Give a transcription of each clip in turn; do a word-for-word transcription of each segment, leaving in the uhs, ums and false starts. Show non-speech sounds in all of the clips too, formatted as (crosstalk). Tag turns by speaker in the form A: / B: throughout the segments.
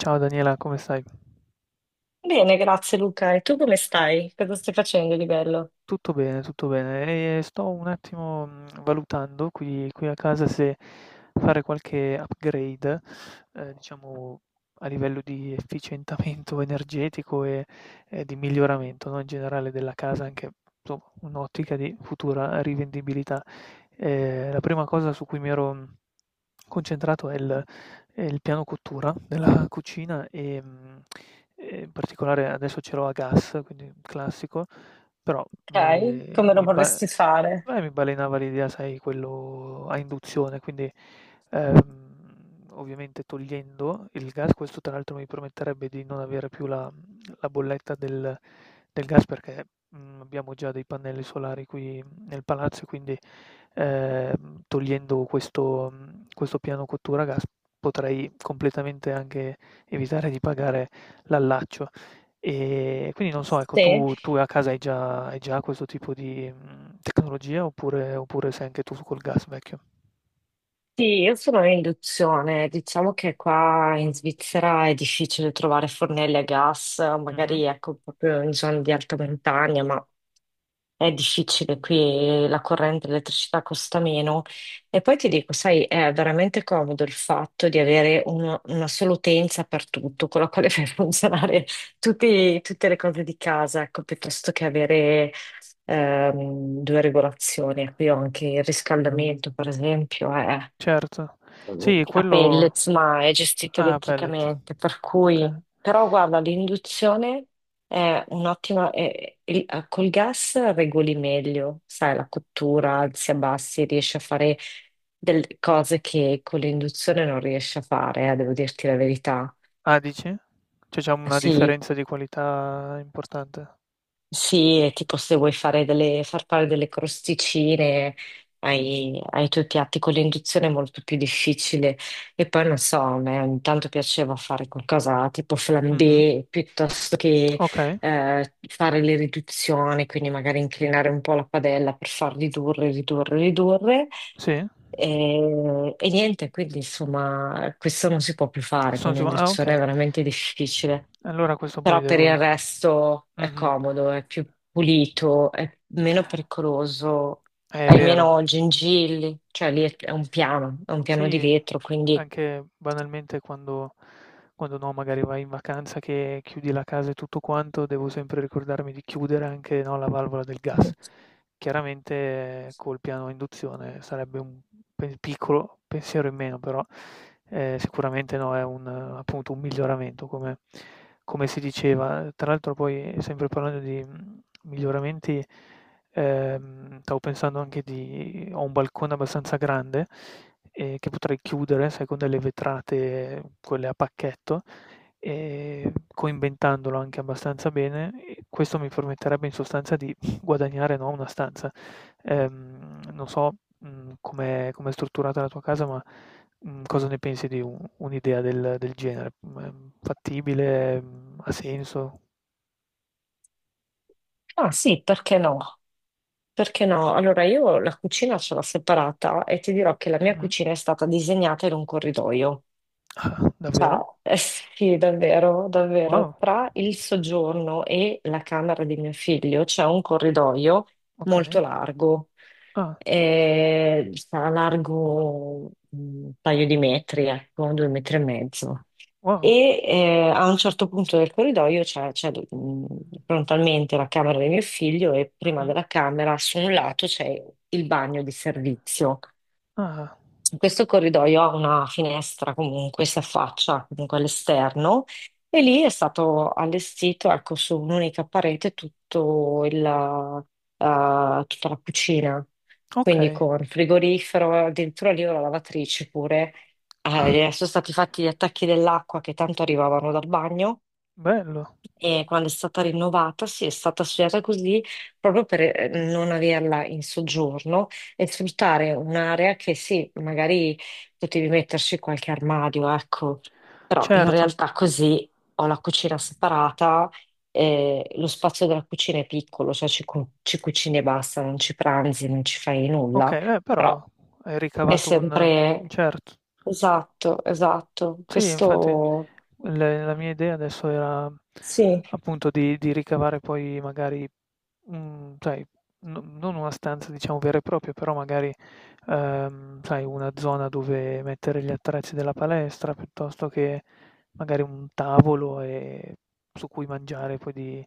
A: Ciao Daniela, come stai?
B: Bene, grazie Luca. E tu come stai? Cosa stai facendo di bello?
A: Tutto bene, tutto bene. E sto un attimo, mhmm, valutando qui qui a casa se fare qualche upgrade, ehm, diciamo a livello di efficientamento (laughs) energetico e e di miglioramento, no, in generale della casa, anche insomma un'ottica di futura rivendibilità. Ehm, la prima cosa su cui mi ero, mhmm, concentrato è il è il piano cottura della cucina e, mhmm, e in particolare adesso ce l'ho a gas, quindi un classico. Però
B: Ok,
A: mi
B: come lo
A: mi ba
B: vorresti fare?
A: eh, mi balenava l'idea, sai, quello a induzione, quindi, ehm, ovviamente togliendo il gas, questo tra l'altro mi permetterebbe di non avere più la mhmm, la bolletta del del gas perché, mhmm, abbiamo già dei pannelli solari qui nel palazzo e quindi, ehm, togliendo questo mhmm, questo piano cottura a gas potrei completamente anche evitare di pagare l'allaccio. E quindi non so, ecco,
B: Sì.
A: tu tu a casa hai già hai già questo tipo di, mhmm, tecnologia oppure oppure sei anche tu col gas vecchio?
B: Sì, io sono in induzione, diciamo che qua in Svizzera è difficile trovare fornelli a gas,
A: Mh-mh.
B: magari ecco proprio in zone di alta montagna, ma è difficile qui, la corrente, l'elettricità costa meno. E poi ti dico, sai, è veramente comodo il fatto di avere uno- una sola utenza per tutto, con la quale (laughs) fai funzionare tutti- tutte le cose di casa, ecco, piuttosto che avere ehm, due regolazioni. Qui ho anche il riscaldamento, per esempio,
A: Certo. Sì,
B: a
A: quello
B: pellets, ma è gestito
A: ah, pellet.
B: elettricamente, per
A: Okay.
B: cui. Però guarda, l'induzione è un'ottima. È- il- eh, col gas regoli meglio, sai, la cottura, alzi e abbassi, riesci a fare delle cose che con l'induzione non riesci a fare, eh, devo dirti la verità.
A: Ah, dici? Cioè c'è una
B: Sì,
A: differenza di qualità importante?
B: sì, è tipo se vuoi fare delle, far fare delle crosticine ai, ai tuoi piatti con l'induzione è molto più difficile. E poi non so, a me ogni tanto piaceva fare qualcosa tipo
A: Mh-mh.
B: flambé piuttosto che
A: Okay,
B: eh, fare le riduzioni, quindi magari inclinare un po' la padella per far ridurre, ridurre, ridurre.
A: sì.
B: E, e niente, quindi insomma, questo non si può più fare con
A: Questo su ah,
B: l'induzione,
A: okay.
B: è veramente difficile,
A: Allora questo poi
B: però per il
A: devo
B: resto è
A: mh-mh.
B: comodo, è più pulito, è meno pericoloso,
A: È
B: hai
A: vero.
B: meno gengilli, cioè lì
A: Mh.
B: è è un piano, è un piano di
A: Sì,
B: vetro, quindi.
A: anche banalmente quando quando no, magari vai in vacanza che chiudi la casa e tutto quanto, devo sempre ricordarmi di chiudere anche, no, la valvola del
B: Mhm.
A: gas. Chiaramente eh, col piano a induzione sarebbe un pe- piccolo pensiero in meno, però eh, sicuramente no, è un, eh, appunto un miglioramento, come, come si diceva. Tra l'altro poi, sempre parlando di mm, miglioramenti, ehm, stavo pensando anche di ho un balcone abbastanza grande ehm, che potrei chiudere, sai, con delle vetrate, quelle a pacchetto, ehm, coinventandolo anche abbastanza bene, e questo mi permetterebbe in sostanza di (laughs) guadagnare, no, una stanza. Ehm, non so, mhmm, com'è com'è strutturata la tua casa, ma, mhmm, cosa ne pensi di u un'idea del del genere? Mhmm, è fattibile? Mhmm, Ha senso?
B: Ah sì, perché no? Perché no? Allora io la cucina ce l'ho separata e ti dirò che la mia
A: Mh-mh.
B: cucina è stata disegnata in un corridoio.
A: Ah, davvero?
B: Ciao. (laughs) Eh sì, davvero, davvero.
A: Wow,
B: Tra il soggiorno e la camera di mio figlio c'è un corridoio
A: okay.
B: molto largo,
A: Ah,
B: eh, sarà largo un paio di metri, ecco, due metri e mezzo.
A: wow.
B: E eh, a un certo punto del corridoio c'è c'è, mh, frontalmente la camera di mio figlio e prima
A: Mh-mh.
B: della camera su un lato c'è il bagno di servizio.
A: Ah,
B: Questo corridoio ha una finestra comunque, si affaccia comunque all'esterno e lì è stato allestito, ecco, su un'unica parete tutto il, eh, tutta la cucina, quindi
A: okay.
B: con frigorifero, addirittura lì ho la lavatrice pure.
A: Ah,
B: Eh, sono stati fatti gli attacchi dell'acqua che tanto arrivavano dal bagno
A: bello.
B: e quando è stata rinnovata, sì, è stata studiata così proprio per eh, non averla in soggiorno e sfruttare un'area che sì, magari potevi metterci qualche armadio, ecco, però in
A: Certo,
B: realtà così ho la cucina separata. Eh, lo spazio della cucina è piccolo, cioè ci, cu- ci cucini e basta, non ci pranzi, non ci fai nulla,
A: okay, eh,
B: però
A: però hai
B: è
A: ricavato un
B: sempre,
A: certo.
B: esatto, esatto.
A: Sì, infatti.
B: Questo
A: Le La mia idea adesso era
B: sì,
A: appunto di di ricavare poi magari, mhmm, sai, no non una stanza diciamo vera e propria, però magari, ehm, sai una zona dove mettere gli attrezzi della palestra, piuttosto che magari un tavolo, ehm, su cui mangiare poi di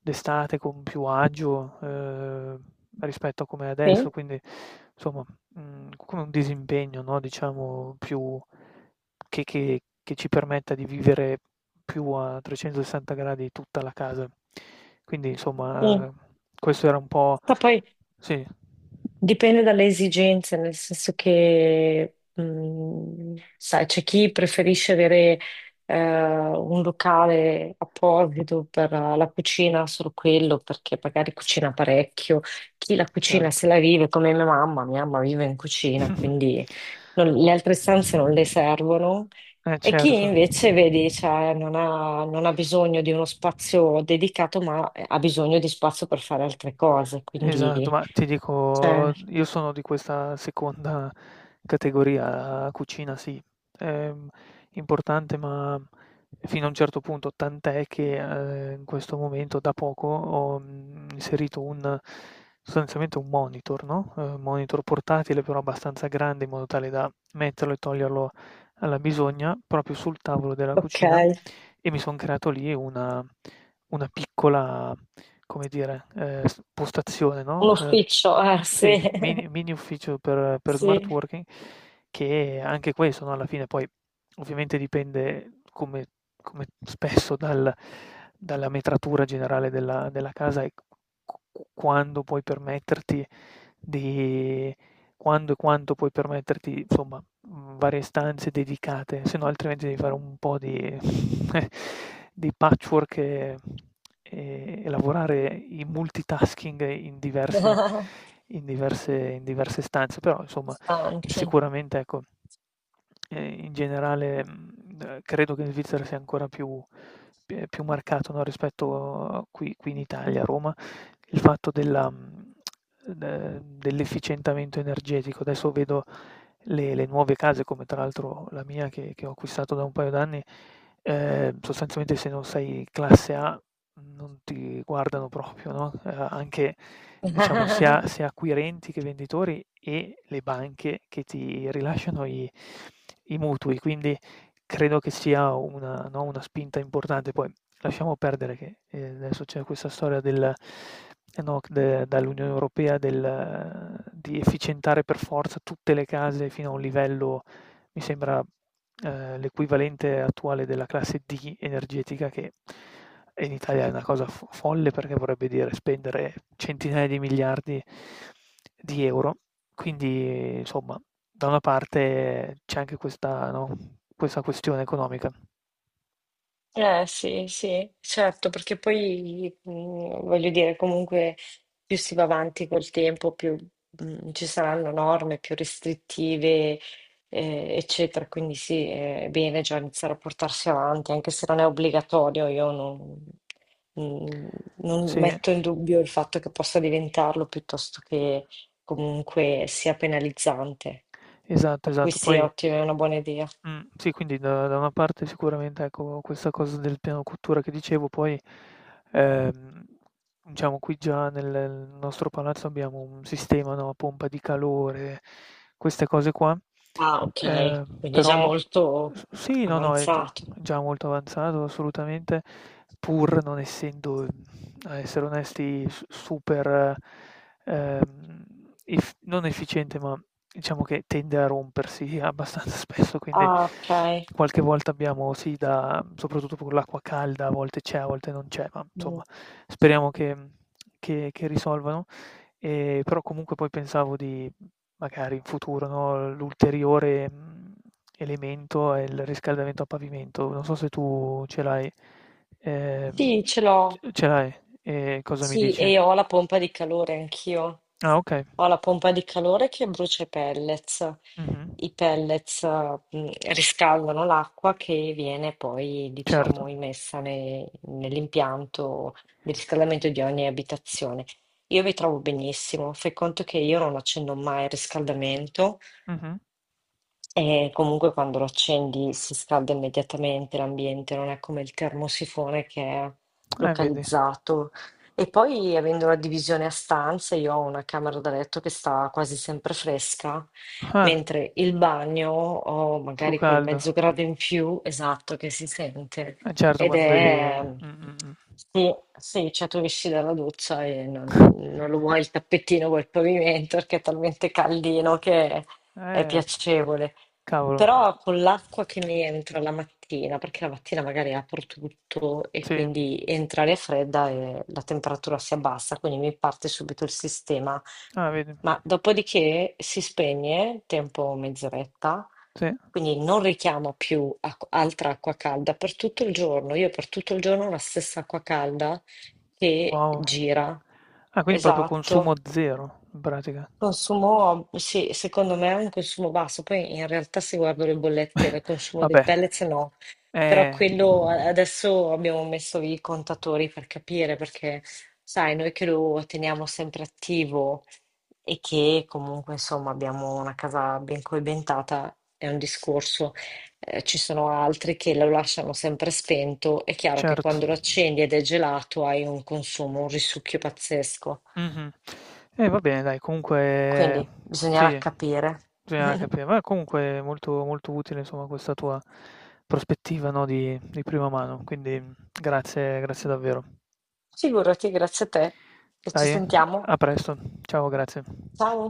A: d'estate con più agio, ehm, rispetto a com'è adesso.
B: sì.
A: Quindi insomma, mhmm, come un disimpegno, no, diciamo più che che che ci permetta di vivere più a trecentosessanta gradi tutta la casa. Quindi
B: Mm.
A: insomma, questo era un po'
B: Ma poi
A: sì,
B: dipende dalle esigenze, nel senso che, mh, sai, c'è chi preferisce avere eh, un locale apposito per la cucina, solo quello, perché magari cucina parecchio. Chi la cucina se
A: certo.
B: la vive, come mia mamma, mia mamma vive in cucina,
A: (laughs)
B: quindi non- le altre stanze non le
A: (clears throat)
B: servono.
A: Eh
B: E chi
A: certo.
B: invece, vedi, cioè, non ha, non ha bisogno di uno spazio dedicato, ma ha bisogno di spazio per fare altre cose,
A: Esatto,
B: quindi.
A: ma ti
B: Cioè.
A: dico, io sono di questa seconda categoria, cucina sì, è importante, ma fino a un certo punto, tant'è che eh, in questo momento da poco ho mm, inserito un, sostanzialmente un monitor, no? Eh, un monitor portatile però abbastanza grande in modo tale da metterlo e toglierlo alla bisogna proprio sul tavolo della
B: Ok,
A: cucina e mi sono creato lì una, una piccola come dire, ehm, s postazione,
B: un
A: no, ehm,
B: ufficio, eh,
A: sì,
B: sì, (laughs)
A: mini mini ufficio per per smart
B: sì,
A: working che anche questo, no, alla fine poi ovviamente dipende come come spesso dal dalla metratura generale della della casa e q q quando puoi permetterti di quando e quanto puoi permetterti, insomma, mhmm, varie stanze dedicate, se no altrimenti devi fare un po' di (laughs) di patchwork e e e lavorare in multitasking in diverse
B: (laughs)
A: in diverse in diverse stanze. Però insomma,
B: anche.
A: sicuramente ecco, ehm, in generale, mhmm, eh, credo che in Svizzera sia ancora più p ehm, più marcato, no, rispetto a qui qui in Italia, a Roma, il fatto della mhmm ehm, dell'efficientamento energetico. Adesso vedo le le nuove case, come tra l'altro la mia che che ho acquistato da un paio d'anni, ehm, sostanzialmente se non sei classe A non ti guardano proprio, no, ehm, anche diciamo
B: (laughs)
A: sia sia acquirenti che venditori e le banche che ti rilasciano i i mutui. Quindi credo che sia una, no, una spinta importante. Poi lasciamo perdere che eh, adesso c'è questa storia del, eh, no, de- dall'Unione Europea del, eh, di efficientare per forza tutte le case fino a un livello, mi sembra, eh, l'equivalente attuale della classe D energetica, che in Italia è una cosa fo- folle perché vorrebbe dire spendere centinaia di miliardi di euro quindi insomma, da una parte c'è anche questa, no, questa questione economica.
B: Eh sì, sì, certo, perché poi mh, voglio dire, comunque più si va avanti col tempo, più mh, ci saranno norme più restrittive, eh, eccetera. Quindi sì, è bene già iniziare a portarsi avanti, anche se non è obbligatorio, io non, mh, non
A: Sì.
B: metto in dubbio il fatto che possa diventarlo, piuttosto che comunque sia penalizzante.
A: Esatto,
B: Per cui
A: esatto.
B: sì, è
A: Poi
B: ottima, è una buona idea.
A: mh, sì, quindi da da una parte sicuramente, ecco, questa cosa del piano cottura che dicevo, poi, ehm, diciamo qui già nel nostro palazzo abbiamo un sistema, no, a pompa di calore, queste cose qua,
B: Ah, ok,
A: ehm,
B: quindi è già
A: però
B: molto
A: s sì, no, no, è g
B: avanzato.
A: già molto avanzato assolutamente, pur non essendo a essere onesti, s super, ehm, ef non efficiente, ma diciamo che tende a rompersi abbastanza (laughs) spesso, quindi
B: Ah, ok.
A: qualche volta abbiamo sì da soprattutto con l'acqua calda, a volte c'è, a volte non c'è, ma insomma
B: Mm.
A: speriamo che che che risolvano. Ehm, però comunque poi pensavo di magari in futuro, no, l'ulteriore, mhmm, elemento è il riscaldamento a pavimento. Non so se tu ce l'hai
B: Sì,
A: ehm,
B: ce
A: c
B: l'ho.
A: ce l'hai? E cosa mi
B: Sì,
A: dici?
B: e ho la pompa di calore anch'io.
A: Ah, okay.
B: Ho la pompa di calore che brucia i pellets.
A: Mh-mh.
B: I pellets, eh, mm, riscaldano l'acqua che viene poi,
A: Certo.
B: diciamo, immessa ne- nell'impianto di riscaldamento di ogni abitazione. Io mi trovo benissimo. Fai conto che io non accendo mai il riscaldamento.
A: Mh-mh.
B: E comunque quando lo accendi si scalda immediatamente l'ambiente, non è come il termosifone che è
A: Eh, vedi.
B: localizzato. E poi avendo la divisione a stanze, io ho una camera da letto che sta quasi sempre fresca,
A: Ah,
B: mentre il bagno ho
A: più
B: magari quel mezzo
A: caldo.
B: grado in più, esatto, che si sente.
A: Eh, certo
B: Ed
A: quando
B: è.
A: devi mh, mh,
B: Sì, sì, cioè tu esci dalla doccia e non, non lo vuoi il tappetino, vuoi il pavimento perché è talmente caldino che
A: mh.
B: è
A: Eh,
B: piacevole.
A: cavolo.
B: Però con l'acqua che mi entra la mattina, perché la mattina magari apro tutto e
A: Sì.
B: quindi entra l'aria fredda e la temperatura si abbassa, quindi mi parte subito il sistema.
A: Ah, vedi.
B: Ma dopodiché si spegne, tempo mezz'oretta,
A: Sì.
B: quindi non richiamo più acqu- altra acqua calda per tutto il giorno. Io per tutto il giorno ho la stessa acqua calda che
A: Wow.
B: gira.
A: Ah, quindi proprio consumo
B: Esatto.
A: zero in pratica.
B: Consumo, sì, secondo me è un consumo basso. Poi in realtà se guardo le bollette del consumo dei
A: Vabbè,
B: pellets no, però
A: eh,
B: quello adesso abbiamo messo i contatori per capire, perché sai, noi che lo teniamo sempre attivo e che comunque insomma abbiamo una casa ben coibentata è un discorso. Eh, ci sono altri che lo lasciano sempre spento. È chiaro che
A: certo.
B: quando lo accendi ed è gelato hai un consumo, un risucchio pazzesco.
A: Mh-mh. Eh, va bene dai, comunque
B: Quindi bisognerà
A: sì,
B: capire.
A: bisognerà
B: (laughs)
A: capire. Ma comunque molto molto utile insomma questa tua prospettiva, no, di di prima mano, quindi grazie grazie davvero.
B: Figurati, grazie a te e ci
A: Dai,
B: sentiamo.
A: a presto. Ciao, grazie.
B: Ciao.